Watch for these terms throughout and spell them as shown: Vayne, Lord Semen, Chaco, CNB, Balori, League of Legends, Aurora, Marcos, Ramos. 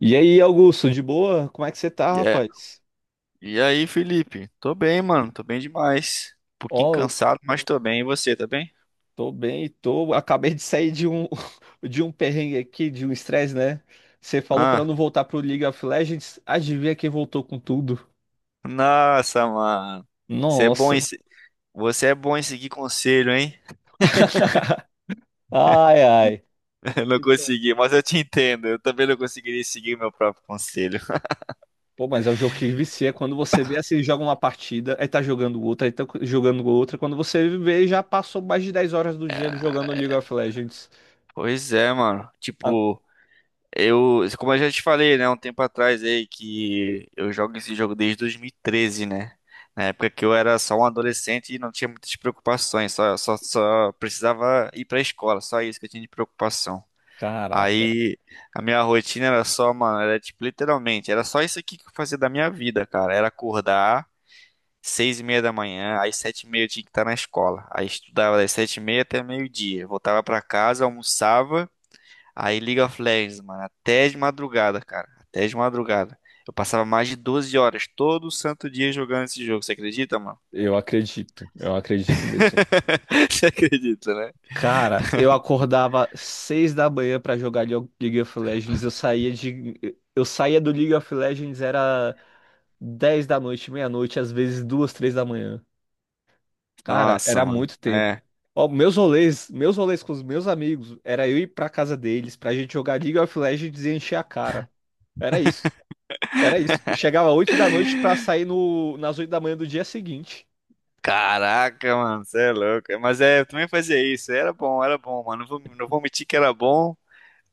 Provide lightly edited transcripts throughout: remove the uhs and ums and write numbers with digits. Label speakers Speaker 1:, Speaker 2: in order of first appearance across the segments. Speaker 1: E aí, Augusto, de boa? Como é que você tá,
Speaker 2: E é-
Speaker 1: rapaz?
Speaker 2: e aí, Felipe? Tô bem, mano. Tô bem demais. Um pouquinho
Speaker 1: Ó, eu
Speaker 2: cansado, mas tô bem. E você, tá bem?
Speaker 1: tô bem, tô. Acabei de sair de um de um perrengue aqui, de um estresse, né? Você falou pra eu
Speaker 2: Ah,
Speaker 1: não voltar pro League of Legends. Adivinha quem voltou com tudo?
Speaker 2: nossa, mano. Você é bom em...
Speaker 1: Nossa.
Speaker 2: se- Você é bom em seguir conselho, hein?
Speaker 1: Ai, ai.
Speaker 2: Eu não
Speaker 1: Então.
Speaker 2: consegui, mas eu te entendo. Eu também não conseguiria seguir meu próprio conselho.
Speaker 1: Pô, mas é um jogo que vicia. Quando você vê assim, joga uma partida, aí tá jogando outra, aí tá jogando outra. Quando você vê, já passou mais de 10 horas do dia jogando League of Legends.
Speaker 2: Pois é, mano.
Speaker 1: Ah,
Speaker 2: Tipo, como eu já te falei, né, um tempo atrás aí que eu jogo esse jogo desde 2013, né? Na época que eu era só um adolescente e não tinha muitas preocupações, só precisava ir pra escola, só isso que eu tinha de preocupação.
Speaker 1: caraca.
Speaker 2: Aí a minha rotina era só, mano, era tipo, literalmente, era só isso aqui que eu fazia da minha vida, cara. Era acordar 6:30 da manhã, às 7:30 eu tinha que estar na escola. Aí estudava das 7:30 até meio-dia, voltava pra casa, almoçava. Aí League of Legends, mano, até de madrugada, cara. Até de madrugada. Eu passava mais de 12 horas todo santo dia jogando esse jogo. Você acredita, mano?
Speaker 1: Eu acredito mesmo.
Speaker 2: Você acredita, né?
Speaker 1: Cara, eu acordava 6 da manhã pra jogar League of Legends. Eu saía do League of Legends era 10 da noite, meia-noite, às vezes duas, três da manhã. Cara,
Speaker 2: Nossa,
Speaker 1: era
Speaker 2: mano.
Speaker 1: muito tempo.
Speaker 2: É.
Speaker 1: Ó, meus rolês com os meus amigos, era eu ir pra casa deles pra gente jogar League of Legends e encher a cara. Era isso. Era isso. Eu chegava 8 da noite pra sair no, nas 8 da manhã do dia seguinte.
Speaker 2: Caraca, mano, você é louco. Mas é, eu também fazia isso. Era bom, mano. Não vou mentir que era bom,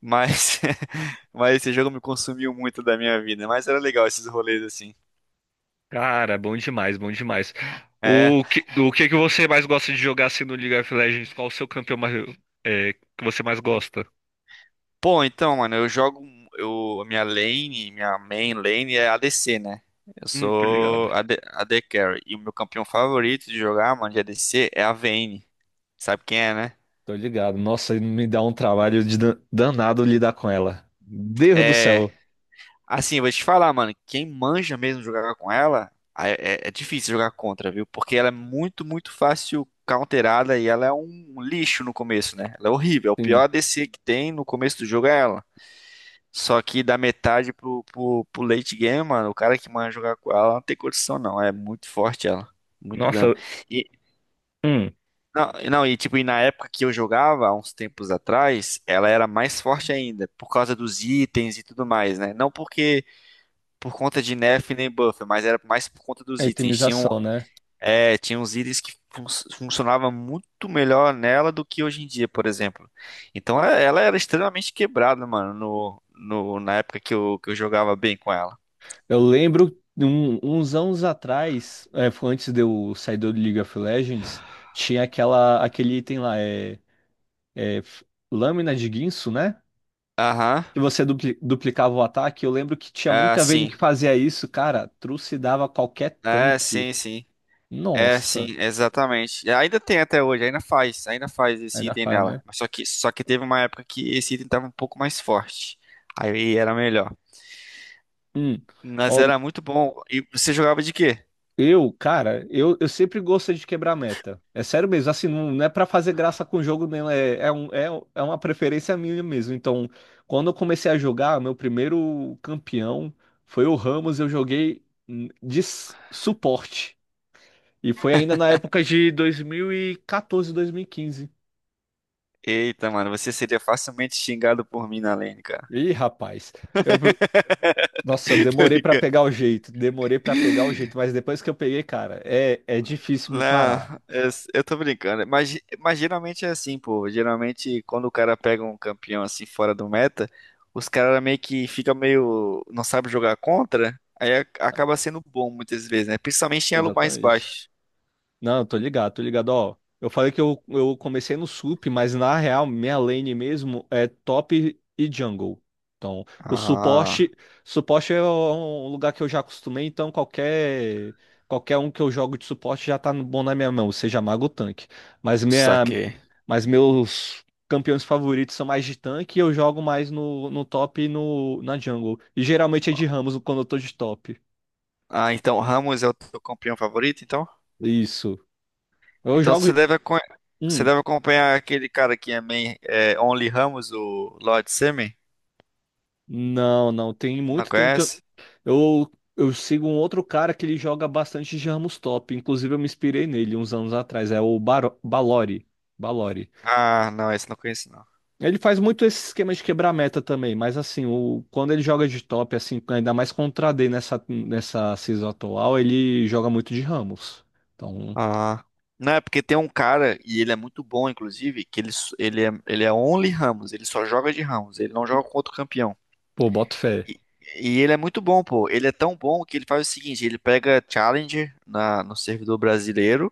Speaker 2: mas, mas esse jogo me consumiu muito da minha vida. Mas era legal esses rolês assim.
Speaker 1: Cara, bom demais, bom demais.
Speaker 2: É.
Speaker 1: O que que você mais gosta de jogar assim no League of Legends? Qual o seu campeão mais, que você mais gosta?
Speaker 2: Pô, então, mano, eu jogo. Minha main lane é ADC, né? Eu
Speaker 1: Tô ligado.
Speaker 2: sou AD, AD Carry. E o meu campeão favorito de jogar, mano, de ADC é a Vayne. Sabe quem é, né?
Speaker 1: Tô ligado. Nossa, me dá um trabalho de danado lidar com ela. Deus do
Speaker 2: É.
Speaker 1: céu.
Speaker 2: Assim, eu vou te falar, mano, quem manja mesmo jogar com ela, é, é difícil jogar contra, viu? Porque ela é muito, muito fácil counterada e ela é um lixo no começo, né? Ela é horrível. É o pior
Speaker 1: Sim.
Speaker 2: ADC que tem no começo do jogo é ela. Só que da metade pro late game, mano, o cara que manda jogar com ela não tem condição, não. É muito forte ela. Muito dano.
Speaker 1: Nossa,
Speaker 2: E,
Speaker 1: hum,
Speaker 2: não, e não, e tipo, e na época que eu jogava, há uns tempos atrás, ela era mais forte ainda, por causa dos itens e tudo mais, né? Não porque por conta de nerf nem buffer, mas era mais por conta
Speaker 1: A
Speaker 2: dos itens. Tinha um,
Speaker 1: itemização, né?
Speaker 2: é, tinha uns itens que funcionava muito melhor nela do que hoje em dia, por exemplo. Então ela era extremamente quebrada, mano, na época que eu jogava bem com ela.
Speaker 1: Eu lembro uns anos atrás, foi antes de eu sair do League of Legends, tinha aquele item lá, é f- lâmina de guinso, né?
Speaker 2: Aham.
Speaker 1: que você duplicava o ataque. Eu lembro que tinha
Speaker 2: Ah,
Speaker 1: muita Vayne
Speaker 2: sim.
Speaker 1: que fazia isso, cara. Trucidava qualquer
Speaker 2: É,
Speaker 1: tanque.
Speaker 2: sim, sim. É,
Speaker 1: Nossa,
Speaker 2: sim, exatamente. Ainda tem até hoje, ainda faz esse
Speaker 1: ainda
Speaker 2: item
Speaker 1: faz,
Speaker 2: nela.
Speaker 1: né?
Speaker 2: Mas só que teve uma época que esse item tava um pouco mais forte. Aí era melhor.
Speaker 1: Hum.
Speaker 2: Mas
Speaker 1: Ó,
Speaker 2: era muito bom. E você jogava de quê?
Speaker 1: cara, eu sempre gosto de quebrar meta. É sério mesmo, assim, não, não é pra fazer graça com o jogo, não. É uma preferência minha mesmo. Então, quando eu comecei a jogar, meu primeiro campeão foi o Ramos. Eu joguei de suporte. E foi ainda na época de dois mil e quatorze, 2015.
Speaker 2: Eita, mano, você seria facilmente xingado por mim na lane, cara.
Speaker 1: Ih, rapaz, eu, nossa, eu
Speaker 2: Tô
Speaker 1: demorei pra
Speaker 2: brincando.
Speaker 1: pegar o jeito, demorei pra pegar o jeito, mas depois que eu peguei, cara, é difícil me
Speaker 2: Não,
Speaker 1: parar.
Speaker 2: eu tô brincando. Mas geralmente é assim, pô. Geralmente, quando o cara pega um campeão assim fora do meta, os caras meio que ficam meio. Não sabe jogar contra. Aí acaba sendo bom muitas vezes, né? Principalmente em elo mais
Speaker 1: Exatamente.
Speaker 2: baixo.
Speaker 1: Não, eu tô ligado, ó. Eu falei que eu comecei no sup, mas na real, minha lane mesmo é top e jungle. Então,
Speaker 2: Ah,
Speaker 1: suporte é um lugar que eu já acostumei, então qualquer um que eu jogo de suporte já tá bom na minha mão, seja mago ou tanque. Mas minha
Speaker 2: saquei.
Speaker 1: Mas meus campeões favoritos são mais de tanque e eu jogo mais no top e no, na jungle. E geralmente é de Ramos quando eu tô de top.
Speaker 2: Ah, então Ramos é o teu campeão favorito, então?
Speaker 1: Isso. Eu
Speaker 2: Então
Speaker 1: jogo.
Speaker 2: você deve, acon- você
Speaker 1: Hum,
Speaker 2: deve acompanhar aquele cara que é, main, é Only Ramos, o Lord Semen.
Speaker 1: não, não. Tem
Speaker 2: Não
Speaker 1: muito tempo que eu.
Speaker 2: conhece?
Speaker 1: Eu sigo um outro cara que ele joga bastante de Ramos top. Inclusive, eu me inspirei nele uns anos atrás. É o Balori. Balori.
Speaker 2: Ah, não, esse eu não conheço, não.
Speaker 1: Ele faz muito esse esquema de quebrar meta também, mas assim, quando ele joga de top, assim, ainda mais contra a AD nessa season atual, ele joga muito de Ramos. Então,
Speaker 2: Ah. Não, é porque tem um cara, e ele é muito bom, inclusive, que ele é only Ramos, ele só joga de Ramos, ele não joga com outro campeão.
Speaker 1: pô, boto fé.
Speaker 2: E, e ele é muito bom, pô. Ele é tão bom que ele faz o seguinte, ele pega Challenger no servidor brasileiro,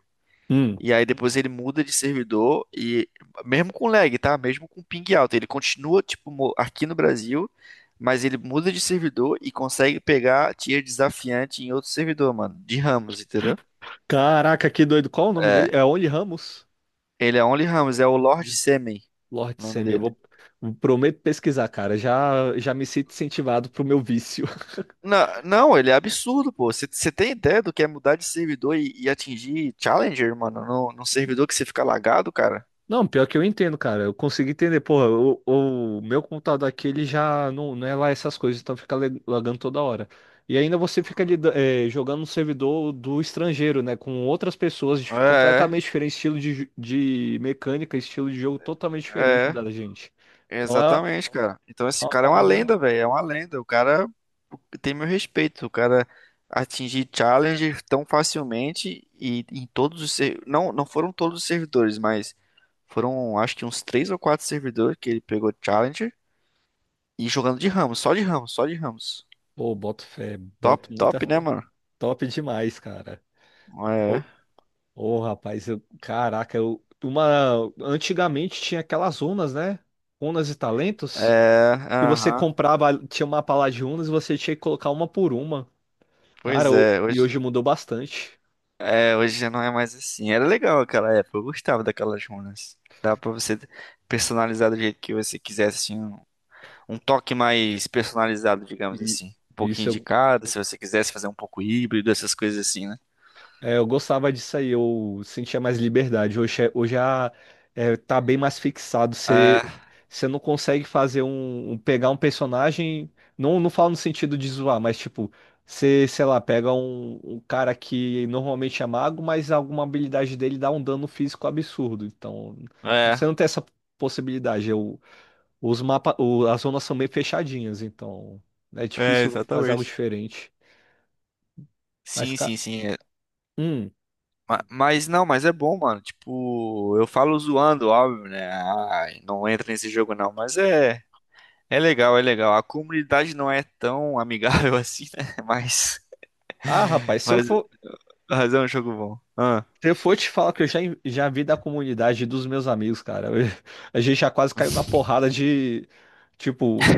Speaker 1: Hum.
Speaker 2: e aí depois ele muda de servidor, e mesmo com lag, tá? Mesmo com ping alto, ele continua, tipo, aqui no Brasil, mas ele muda de servidor e consegue pegar tier desafiante em outro servidor, mano, de Ramos, entendeu?
Speaker 1: Caraca, que doido. Qual o nome
Speaker 2: É,
Speaker 1: dele? É Only Ramos?
Speaker 2: ele é Only Ramos, é o Lord Semen,
Speaker 1: Lord
Speaker 2: o nome
Speaker 1: Semi,
Speaker 2: dele.
Speaker 1: prometo pesquisar, cara. Já me sinto incentivado pro meu vício.
Speaker 2: Não, ele é absurdo, pô. Você tem ideia do que é mudar de servidor e atingir Challenger, mano? Num servidor que você fica lagado, cara?
Speaker 1: Não, pior que eu entendo, cara. Eu consegui entender. Porra, o meu computador aqui, ele já não é lá essas coisas, então fica lagando toda hora. E ainda você fica jogando no servidor do estrangeiro, né? Com outras pessoas
Speaker 2: É,
Speaker 1: completamente diferentes, estilo de mecânica, estilo de jogo totalmente diferente
Speaker 2: é,
Speaker 1: da gente. Então é
Speaker 2: exatamente, cara. Então
Speaker 1: é
Speaker 2: esse
Speaker 1: uma
Speaker 2: cara é uma
Speaker 1: parada.
Speaker 2: lenda, velho. É uma lenda. O cara tem meu respeito. O cara atingir Challenger tão facilmente e em todos os não, não foram todos os servidores, mas foram acho que uns 3 ou 4 servidores que ele pegou Challenger e jogando de Ramos, só de Ramos, só de Ramos.
Speaker 1: Pô, boto fé,
Speaker 2: Top,
Speaker 1: boto muita
Speaker 2: top, né,
Speaker 1: fé.
Speaker 2: mano?
Speaker 1: Top demais, cara. Ô,
Speaker 2: É,
Speaker 1: ô, rapaz, caraca, antigamente tinha aquelas runas, né? Runas e talentos,
Speaker 2: é,
Speaker 1: que você
Speaker 2: aham.
Speaker 1: comprava, tinha uma pala de unas e você tinha que colocar uma por uma. Cara,
Speaker 2: Pois é,
Speaker 1: e
Speaker 2: hoje,
Speaker 1: hoje mudou bastante.
Speaker 2: é, hoje já não é mais assim. Era legal aquela época, eu gostava daquelas runas. Dava pra você personalizar do jeito que você quisesse, assim, um toque mais personalizado, digamos
Speaker 1: E
Speaker 2: assim. Um pouquinho
Speaker 1: isso
Speaker 2: de
Speaker 1: eu,
Speaker 2: cada, se você quisesse fazer um pouco híbrido, essas coisas assim, né?
Speaker 1: eu gostava disso aí, eu sentia mais liberdade. Hoje, tá bem mais fixado. Você,
Speaker 2: É,
Speaker 1: você não consegue fazer pegar um personagem. Não, não falo no sentido de zoar, mas tipo, você, sei lá, pega um cara que normalmente é mago, mas alguma habilidade dele dá um dano físico absurdo. Então,
Speaker 2: é,
Speaker 1: você não tem essa possibilidade. Os mapas, as zonas são meio fechadinhas, então né, é
Speaker 2: é,
Speaker 1: difícil fazer algo
Speaker 2: exatamente.
Speaker 1: diferente. Mas,
Speaker 2: Sim,
Speaker 1: cara,
Speaker 2: sim, sim. É.
Speaker 1: hum.
Speaker 2: Mas não, mas é bom, mano. Tipo, eu falo zoando, óbvio, né? Ai, não entra nesse jogo não, mas é. É legal, é legal. A comunidade não é tão amigável assim, né?
Speaker 1: Ah, rapaz, se eu
Speaker 2: Mas,
Speaker 1: for,
Speaker 2: mas é um jogo bom. Ah,
Speaker 1: se eu for te falar que eu já vi da comunidade dos meus amigos, cara, eu a gente já quase caiu na porrada de, tipo,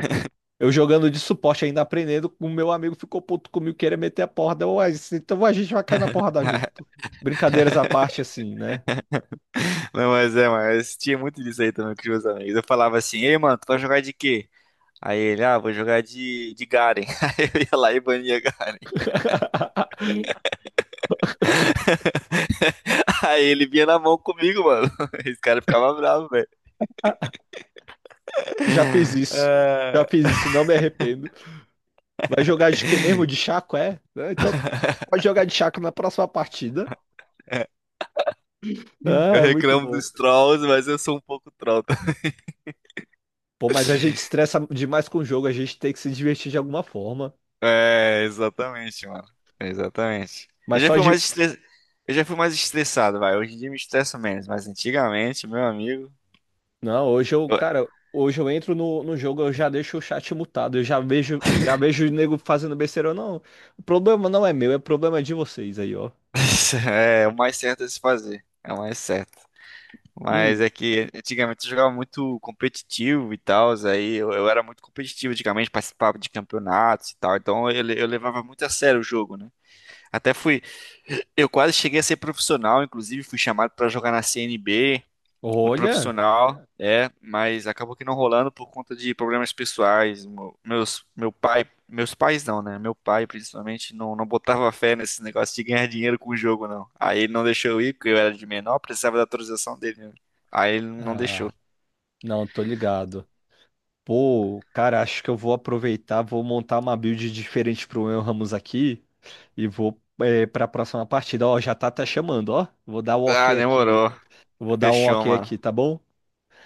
Speaker 1: eu jogando de suporte ainda aprendendo, o meu amigo ficou puto comigo, queria meter a porrada, eu, Ué, então a gente vai cair na porrada junto. Brincadeiras à parte, assim, né?
Speaker 2: não, mas é, mas tinha muito disso aí também com os meus amigos. Eu falava assim, ei, mano, tu vai jogar de quê? Aí ele, ah, vou jogar de Garen. Aí eu ia lá e bania Garen. Aí ele vinha na mão comigo, mano. Esse cara ficava bravo, velho.
Speaker 1: Já fiz isso,
Speaker 2: Ah,
Speaker 1: já fiz isso, não me arrependo. Vai jogar de quê mesmo? De Chaco, é? Ah, então pode jogar de Chaco na próxima partida.
Speaker 2: é.
Speaker 1: Ah,
Speaker 2: Eu
Speaker 1: é muito
Speaker 2: reclamo
Speaker 1: bom.
Speaker 2: dos trolls, mas eu sou um pouco troll.
Speaker 1: Pô, mas a gente estressa demais com o jogo, a gente tem que se divertir de alguma forma.
Speaker 2: É, exatamente, mano. Exatamente. Eu
Speaker 1: Mas
Speaker 2: já
Speaker 1: só
Speaker 2: fui
Speaker 1: de.
Speaker 2: mais estress... eu já fui mais estressado, vai. Hoje em dia me estresso menos, mas antigamente, meu amigo,
Speaker 1: Não,
Speaker 2: eu-
Speaker 1: cara, hoje eu entro no jogo, eu já deixo o chat mutado, eu já vejo o nego fazendo besteira. Não, o problema não é meu, é problema de vocês aí, ó.
Speaker 2: É o mais certo a se fazer. É o mais certo. Mas
Speaker 1: Hum,
Speaker 2: é que antigamente eu jogava muito competitivo e tal, aí eu era muito competitivo antigamente, participava de campeonatos e tal, então eu levava muito a sério o jogo, né? Até fui, eu quase cheguei a ser profissional, inclusive fui chamado pra jogar na CNB, o
Speaker 1: olha.
Speaker 2: profissional, é, mas acabou que não rolando por conta de problemas pessoais. Meus pais não, né? Meu pai, principalmente, não, não botava fé nesse negócio de ganhar dinheiro com o jogo, não. Aí ele não deixou eu ir, porque eu era de menor, precisava da autorização dele, né? Aí ele não
Speaker 1: Ah,
Speaker 2: deixou.
Speaker 1: não, tô ligado. Pô, cara, acho que eu vou aproveitar, vou montar uma build diferente pro meu Ramos aqui e vou para a próxima partida. Ó, já tá até chamando, ó. Vou dar o
Speaker 2: Ah,
Speaker 1: ok aqui.
Speaker 2: demorou.
Speaker 1: Vou dar um
Speaker 2: Fechou,
Speaker 1: ok
Speaker 2: mano.
Speaker 1: aqui, tá bom?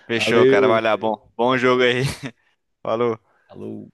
Speaker 2: Fechou, cara. Vai
Speaker 1: Valeu.
Speaker 2: lá, bom. Bom jogo
Speaker 1: Alô,
Speaker 2: aí. Falou.
Speaker 1: alô.